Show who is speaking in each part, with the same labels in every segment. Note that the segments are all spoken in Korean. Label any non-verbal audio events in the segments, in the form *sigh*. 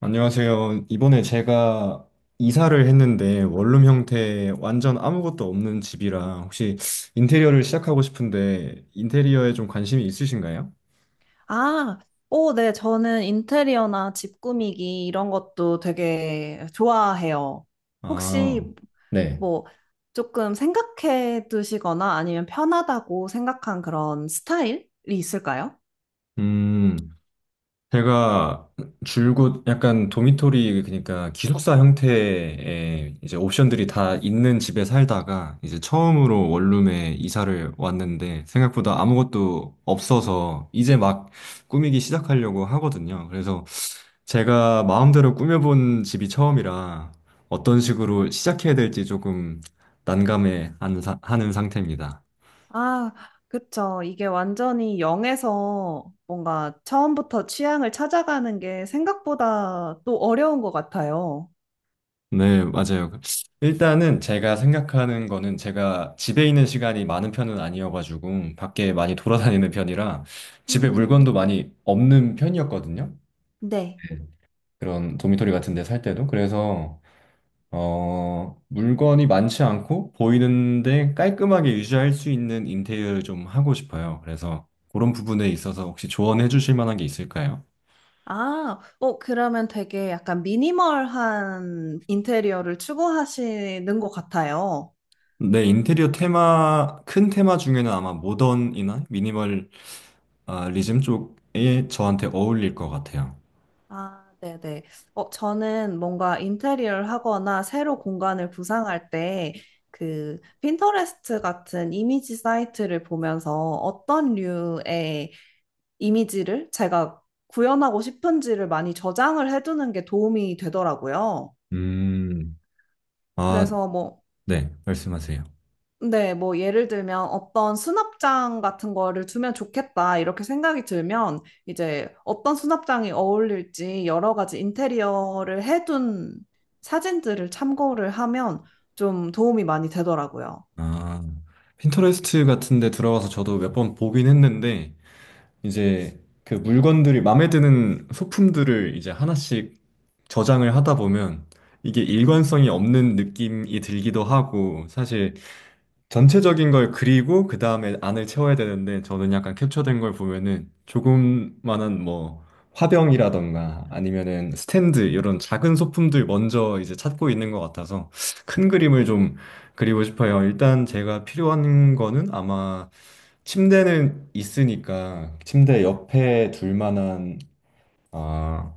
Speaker 1: 안녕하세요. 이번에 제가 이사를 했는데 원룸 형태 완전 아무것도 없는 집이라 혹시 인테리어를 시작하고 싶은데 인테리어에 좀 관심이 있으신가요?
Speaker 2: 아, 네, 저는 인테리어나 집 꾸미기 이런 것도 되게 좋아해요.
Speaker 1: 아,
Speaker 2: 혹시
Speaker 1: 네.
Speaker 2: 뭐 조금 생각해 두시거나 아니면 편하다고 생각한 그런 스타일이 있을까요?
Speaker 1: 음, 제가 줄곧 약간 도미토리, 그러니까 기숙사 형태의 이제 옵션들이 다 있는 집에 살다가 이제 처음으로 원룸에 이사를 왔는데 생각보다 아무것도 없어서 이제 막 꾸미기 시작하려고 하거든요. 그래서 제가 마음대로 꾸며본 집이 처음이라 어떤 식으로 시작해야 될지 조금 난감해 하는 상태입니다.
Speaker 2: 아, 그쵸. 이게 완전히 0에서 뭔가 처음부터 취향을 찾아가는 게 생각보다 또 어려운 것 같아요.
Speaker 1: 네, 맞아요. 일단은 제가 생각하는 거는 제가 집에 있는 시간이 많은 편은 아니어가지고 밖에 많이 돌아다니는 편이라 집에
Speaker 2: 음,
Speaker 1: 물건도 많이 없는 편이었거든요.
Speaker 2: 네.
Speaker 1: 그런 도미토리 같은 데 살 때도. 그래서 물건이 많지 않고 보이는데 깔끔하게 유지할 수 있는 인테리어를 좀 하고 싶어요. 그래서 그런 부분에 있어서 혹시 조언해 주실 만한 게 있을까요?
Speaker 2: 그러면 되게 약간 미니멀한 인테리어를 추구하시는 것 같아요.
Speaker 1: 네, 인테리어 테마, 큰 테마 중에는 아마 모던이나 미니멀리즘 쪽에 저한테 어울릴 것 같아요.
Speaker 2: 아, 네네. 저는 뭔가 인테리어를 하거나 새로 공간을 구상할 때 그 핀터레스트 같은 이미지 사이트를 보면서 어떤 류의 이미지를 제가 구현하고 싶은지를 많이 저장을 해두는 게 도움이 되더라고요.
Speaker 1: 음, 아,
Speaker 2: 그래서 뭐
Speaker 1: 네, 말씀하세요.
Speaker 2: 네, 예를 들면 어떤 수납장 같은 거를 두면 좋겠다 이렇게 생각이 들면 이제 어떤 수납장이 어울릴지 여러 가지 인테리어를 해둔 사진들을 참고를 하면 좀 도움이 많이 되더라고요.
Speaker 1: 아, 핀터레스트 같은 데 들어가서 저도 몇 번 보긴 했는데 이제 그 물건들이, 마음에 드는 소품들을 이제 하나씩 저장을 하다 보면 이게 일관성이 없는 느낌이 들기도 하고, 사실 전체적인 걸 그리고 그 다음에 안을 채워야 되는데 저는 약간 캡처된 걸 보면은 조금만한 뭐 화병이라던가 아니면은 스탠드 이런 작은 소품들 먼저 이제 찾고 있는 것 같아서 큰 그림을 좀 그리고 싶어요. 일단 제가 필요한 거는 아마 침대는 있으니까 침대 옆에 둘 만한, 아,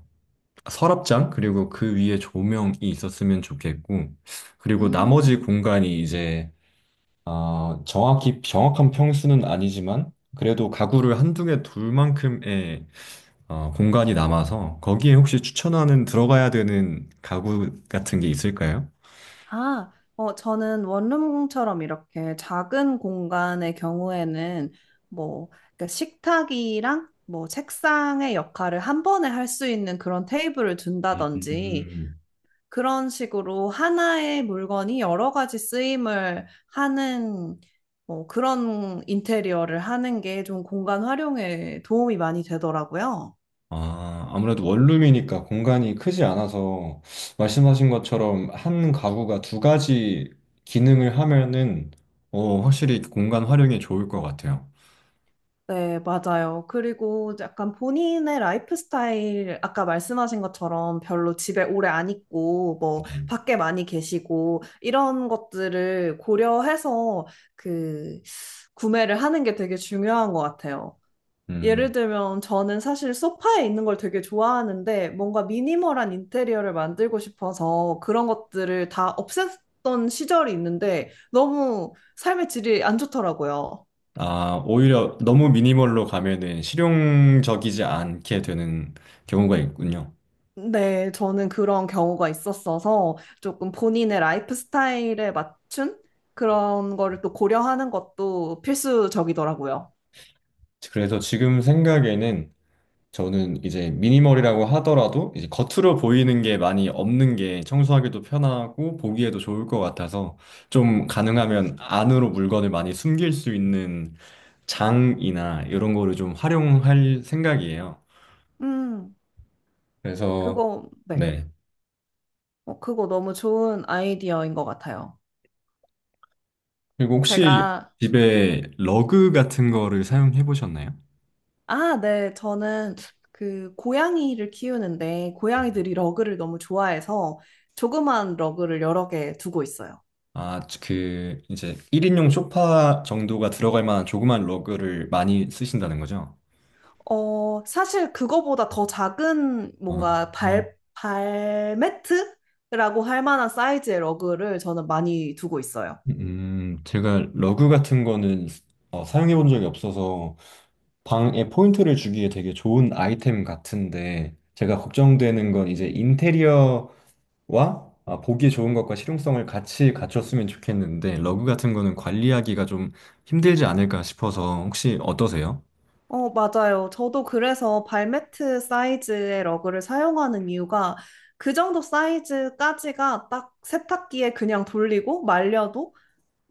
Speaker 1: 서랍장 그리고 그 위에 조명이 있었으면 좋겠고, 그리고 나머지
Speaker 2: 음,
Speaker 1: 공간이 이제, 아, 정확히, 정확한 평수는 아니지만 그래도 가구를 한두 개 둘 만큼의 공간이 남아서 거기에 혹시 추천하는, 들어가야 되는 가구 같은 게 있을까요?
Speaker 2: 저는 원룸처럼 이렇게 작은 공간의 경우에는 뭐 그러니까 식탁이랑 뭐 책상의 역할을 한 번에 할 수 있는 그런 테이블을 둔다든지
Speaker 1: 음,
Speaker 2: 그런 식으로 하나의 물건이 여러 가지 쓰임을 하는 그런 인테리어를 하는 게 좀 공간 활용에 도움이 많이 되더라고요.
Speaker 1: 아, 아무래도 원룸이니까 공간이 크지 않아서 말씀하신 것처럼 한 가구가 두 가지 기능을 하면은 확실히 공간 활용이 좋을 것 같아요.
Speaker 2: 네, 맞아요. 그리고 약간 본인의 라이프 스타일, 아까 말씀하신 것처럼 별로 집에 오래 안 있고, 뭐, 밖에 많이 계시고, 이런 것들을 고려해서 그, 구매를 하는 게 되게 중요한 것 같아요. 예를
Speaker 1: 네.
Speaker 2: 들면 저는 사실 소파에 있는 걸 되게 좋아하는데 뭔가 미니멀한 인테리어를 만들고 싶어서 그런 것들을 다 없앴던 시절이 있는데 너무 삶의 질이 안 좋더라고요.
Speaker 1: 아, 오히려 너무 미니멀로 가면은 실용적이지 않게 되는 경우가 있군요.
Speaker 2: 네, 저는 그런 경우가 있었어서 조금 본인의 라이프 스타일에 맞춘 그런 거를 또 고려하는 것도 필수적이더라고요.
Speaker 1: 그래서 지금 생각에는 저는 이제 미니멀이라고 하더라도 이제 겉으로 보이는 게 많이 없는 게 청소하기도 편하고 보기에도 좋을 것 같아서 좀 가능하면 안으로 물건을 많이 숨길 수 있는 장이나 이런 거를 좀 활용할 생각이에요.
Speaker 2: 음,
Speaker 1: 그래서
Speaker 2: 네.
Speaker 1: 네.
Speaker 2: 그거 너무 좋은 아이디어인 것 같아요.
Speaker 1: 그리고 혹시
Speaker 2: 제가
Speaker 1: 집에 러그 같은 거를 사용해 보셨나요?
Speaker 2: 아, 네. 저는 그 고양이를 키우는데 고양이들이 러그를 너무 좋아해서 조그만 러그를 여러 개 두고 있어요.
Speaker 1: 아, 그 이제 1인용 소파 정도가 들어갈 만한 조그만 러그를 많이 쓰신다는 거죠?
Speaker 2: 사실 그거보다 더 작은
Speaker 1: 아,
Speaker 2: 뭔가 발매트라고 할 만한 사이즈의 러그를 저는 많이 두고 있어요.
Speaker 1: 제가 러그 같은 거는 사용해 본 적이 없어서 방에 포인트를 주기에 되게 좋은 아이템 같은데, 제가 걱정되는 건 이제 인테리어와, 아, 보기 좋은 것과 실용성을 같이 갖췄으면 좋겠는데 러그 같은 거는 관리하기가 좀 힘들지 않을까 싶어서, 혹시 어떠세요?
Speaker 2: 어, 맞아요. 저도 그래서 발매트 사이즈의 러그를 사용하는 이유가 그 정도 사이즈까지가 딱 세탁기에 그냥 돌리고 말려도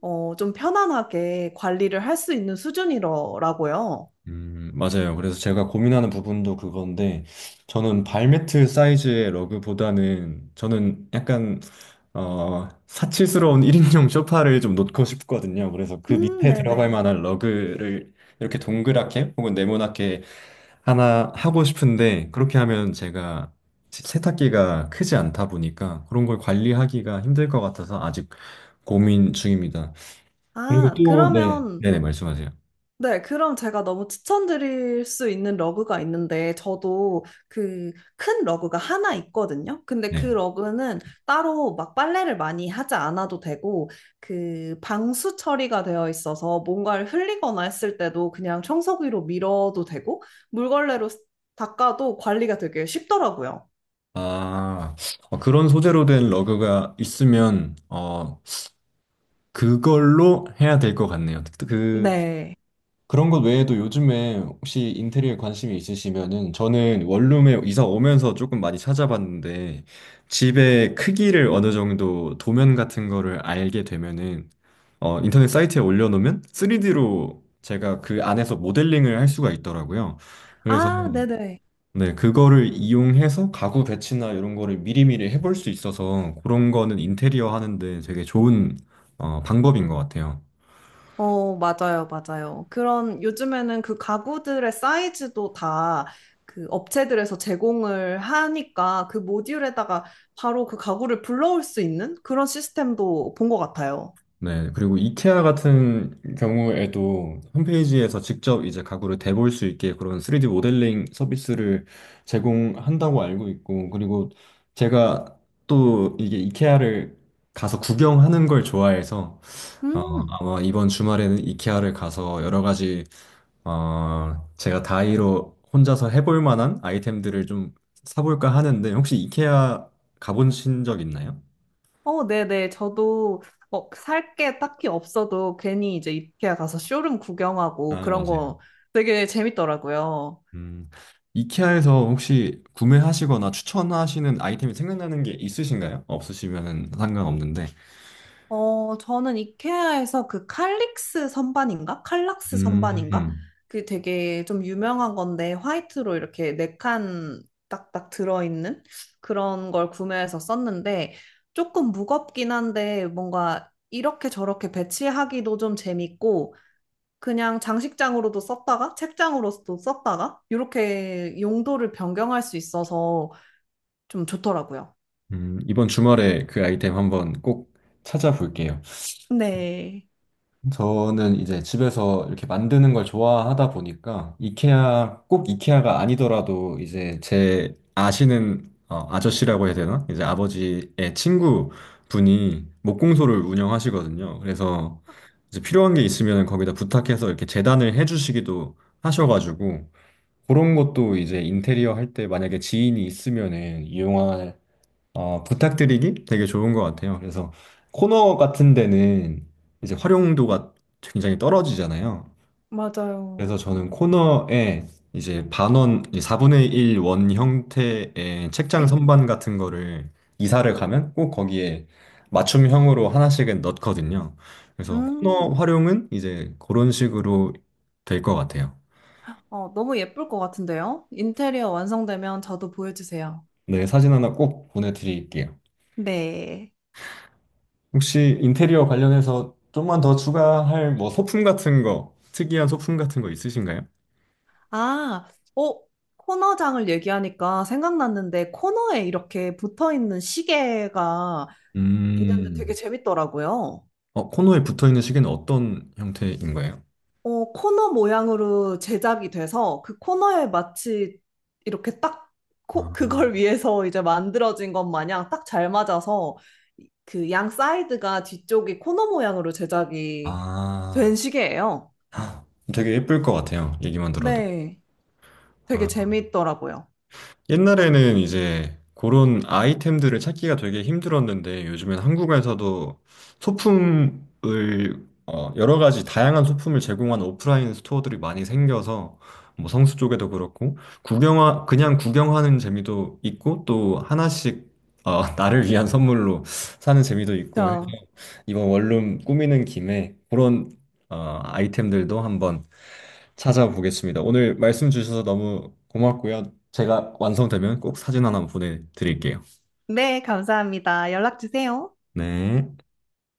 Speaker 2: 좀 편안하게 관리를 할 수 있는 수준이더라고요.
Speaker 1: 맞아요. 그래서 제가 고민하는 부분도 그건데, 저는 발매트 사이즈의 러그보다는, 저는 약간, 사치스러운 *laughs* 1인용 소파를 좀 놓고 싶거든요. 그래서 그 밑에 들어갈
Speaker 2: 네네.
Speaker 1: 만한 러그를 이렇게 동그랗게 혹은 네모나게 하나 하고 싶은데, 그렇게 하면 제가 세탁기가 크지 않다 보니까 그런 걸 관리하기가 힘들 것 같아서 아직 고민 중입니다. 그리고
Speaker 2: 아,
Speaker 1: 또, 네.
Speaker 2: 그러면,
Speaker 1: 네네, 말씀하세요.
Speaker 2: 네, 그럼 제가 너무 추천드릴 수 있는 러그가 있는데, 저도 그 큰 러그가 하나 있거든요. 근데 그
Speaker 1: 네.
Speaker 2: 러그는 따로 막 빨래를 많이 하지 않아도 되고, 그 방수 처리가 되어 있어서 뭔가를 흘리거나 했을 때도 그냥 청소기로 밀어도 되고, 물걸레로 닦아도 관리가 되게 쉽더라고요.
Speaker 1: 아, 그런 소재로 된 러그가 있으면, 어, 그걸로 해야 될 것 같네요.
Speaker 2: 네.
Speaker 1: 그런 것 외에도 요즘에 혹시 인테리어에 관심이 있으시면은, 저는 원룸에 이사 오면서 조금 많이 찾아봤는데, 집의 크기를 어느 정도 도면 같은 거를 알게 되면은, 인터넷 사이트에 올려놓으면 3D로 제가 그 안에서 모델링을 할 수가 있더라고요. 그래서
Speaker 2: 아, 네네.
Speaker 1: 네, 그거를 이용해서 가구 배치나 이런 거를 미리미리 해볼 수 있어서 그런 거는 인테리어 하는데 되게 좋은 방법인 것 같아요.
Speaker 2: 어, 맞아요, 맞아요. 그런, 요즘에는 그 가구들의 사이즈도 다 그 업체들에서 제공을 하니까 그 모듈에다가 바로 그 가구를 불러올 수 있는 그런 시스템도 본 것 같아요.
Speaker 1: 네, 그리고 이케아 같은 경우에도 홈페이지에서 직접 이제 가구를 대볼 수 있게 그런 3D 모델링 서비스를 제공한다고 알고 있고, 그리고 제가 또 이게 이케아를 가서 구경하는 걸 좋아해서 어,
Speaker 2: 음,
Speaker 1: 아마 이번 주말에는 이케아를 가서 여러 가지 제가 다이로 혼자서 해볼 만한 아이템들을 좀 사볼까 하는데, 혹시 이케아 가보신 적 있나요?
Speaker 2: 네네. 저도 살 게 딱히 없어도 괜히 이제 이케아 가서 쇼룸 구경하고
Speaker 1: 아,
Speaker 2: 그런
Speaker 1: 맞아요.
Speaker 2: 거 되게 재밌더라고요.
Speaker 1: 음, 이케아에서 혹시 구매하시거나 추천하시는 아이템이 생각나는 게 있으신가요? 없으시면 상관없는데.
Speaker 2: 저는 이케아에서 그 칼릭스 선반인가? 칼락스 선반인가?
Speaker 1: 음,
Speaker 2: 그 되게 좀 유명한 건데 화이트로 이렇게 네칸 딱딱 들어있는 그런 걸 구매해서 썼는데 조금 무겁긴 한데 뭔가 이렇게 저렇게 배치하기도 좀 재밌고 그냥 장식장으로도 썼다가 책장으로도 썼다가 이렇게 용도를 변경할 수 있어서 좀 좋더라고요.
Speaker 1: 이번 주말에 그 아이템 한번 꼭 찾아볼게요.
Speaker 2: 네,
Speaker 1: 저는 이제 집에서 이렇게 만드는 걸 좋아하다 보니까 이케아, 꼭 이케아가 아니더라도 이제 제 아시는, 어, 아저씨라고 해야 되나? 이제 아버지의 친구 분이 목공소를 운영하시거든요. 그래서 이제 필요한 게 있으면 거기다 부탁해서 이렇게 재단을 해주시기도 하셔가지고 그런 것도 이제 인테리어 할 때 만약에 지인이 있으면은 이용할, 부탁드리기 되게 좋은 것 같아요. 그래서 코너 같은 데는 이제 활용도가 굉장히 떨어지잖아요.
Speaker 2: 맞아요.
Speaker 1: 그래서 저는 코너에 이제 반원, 이제 4분의 1 원 형태의 책장 선반 같은 거를 이사를 가면 꼭 거기에 맞춤형으로 하나씩은 넣거든요. 그래서 코너
Speaker 2: 음.
Speaker 1: 활용은 이제 그런 식으로 될 것 같아요.
Speaker 2: 어, 너무 예쁠 것 같은데요? 인테리어 완성되면 저도 보여주세요.
Speaker 1: 네, 사진 하나 꼭 보내드릴게요.
Speaker 2: 네.
Speaker 1: 혹시 인테리어 관련해서 좀만 더 추가할 뭐 소품 같은 거, 특이한 소품 같은 거 있으신가요?
Speaker 2: 아, 어, 코너장을 얘기하니까 생각났는데 코너에 이렇게 붙어 있는 시계가 있는데
Speaker 1: 음,
Speaker 2: 되게 재밌더라고요.
Speaker 1: 어, 코너에 붙어 있는 시계는 어떤 형태인 거예요?
Speaker 2: 코너 모양으로 제작이 돼서 그 코너에 마치 이렇게 딱
Speaker 1: 아,
Speaker 2: 그걸 *laughs* 위해서 이제 만들어진 것 마냥 딱 잘 맞아서 그 양 사이드가 뒤쪽이 코너 모양으로 제작이 된
Speaker 1: 아,
Speaker 2: 시계예요.
Speaker 1: 되게 예쁠 것 같아요. 얘기만 들어도.
Speaker 2: 네. 되게
Speaker 1: 아.
Speaker 2: 재미있더라고요.
Speaker 1: 옛날에는 이제 그런 아이템들을 찾기가 되게 힘들었는데 요즘엔 한국에서도 소품을, 어, 여러 가지 다양한 소품을 제공하는 오프라인 스토어들이 많이 생겨서 뭐 성수 쪽에도 그렇고 구경하 그냥 구경하는 재미도 있고 또 하나씩 *laughs* 나를 위한 선물로 사는 재미도 있고
Speaker 2: 저,
Speaker 1: 이번 원룸 꾸미는 김에 그런 아이템들도 한번 찾아보겠습니다. 오늘 말씀 주셔서 너무 고맙고요. 제가 완성되면 꼭 사진 하나 보내드릴게요.
Speaker 2: 네, 감사합니다. 연락 주세요.
Speaker 1: 네.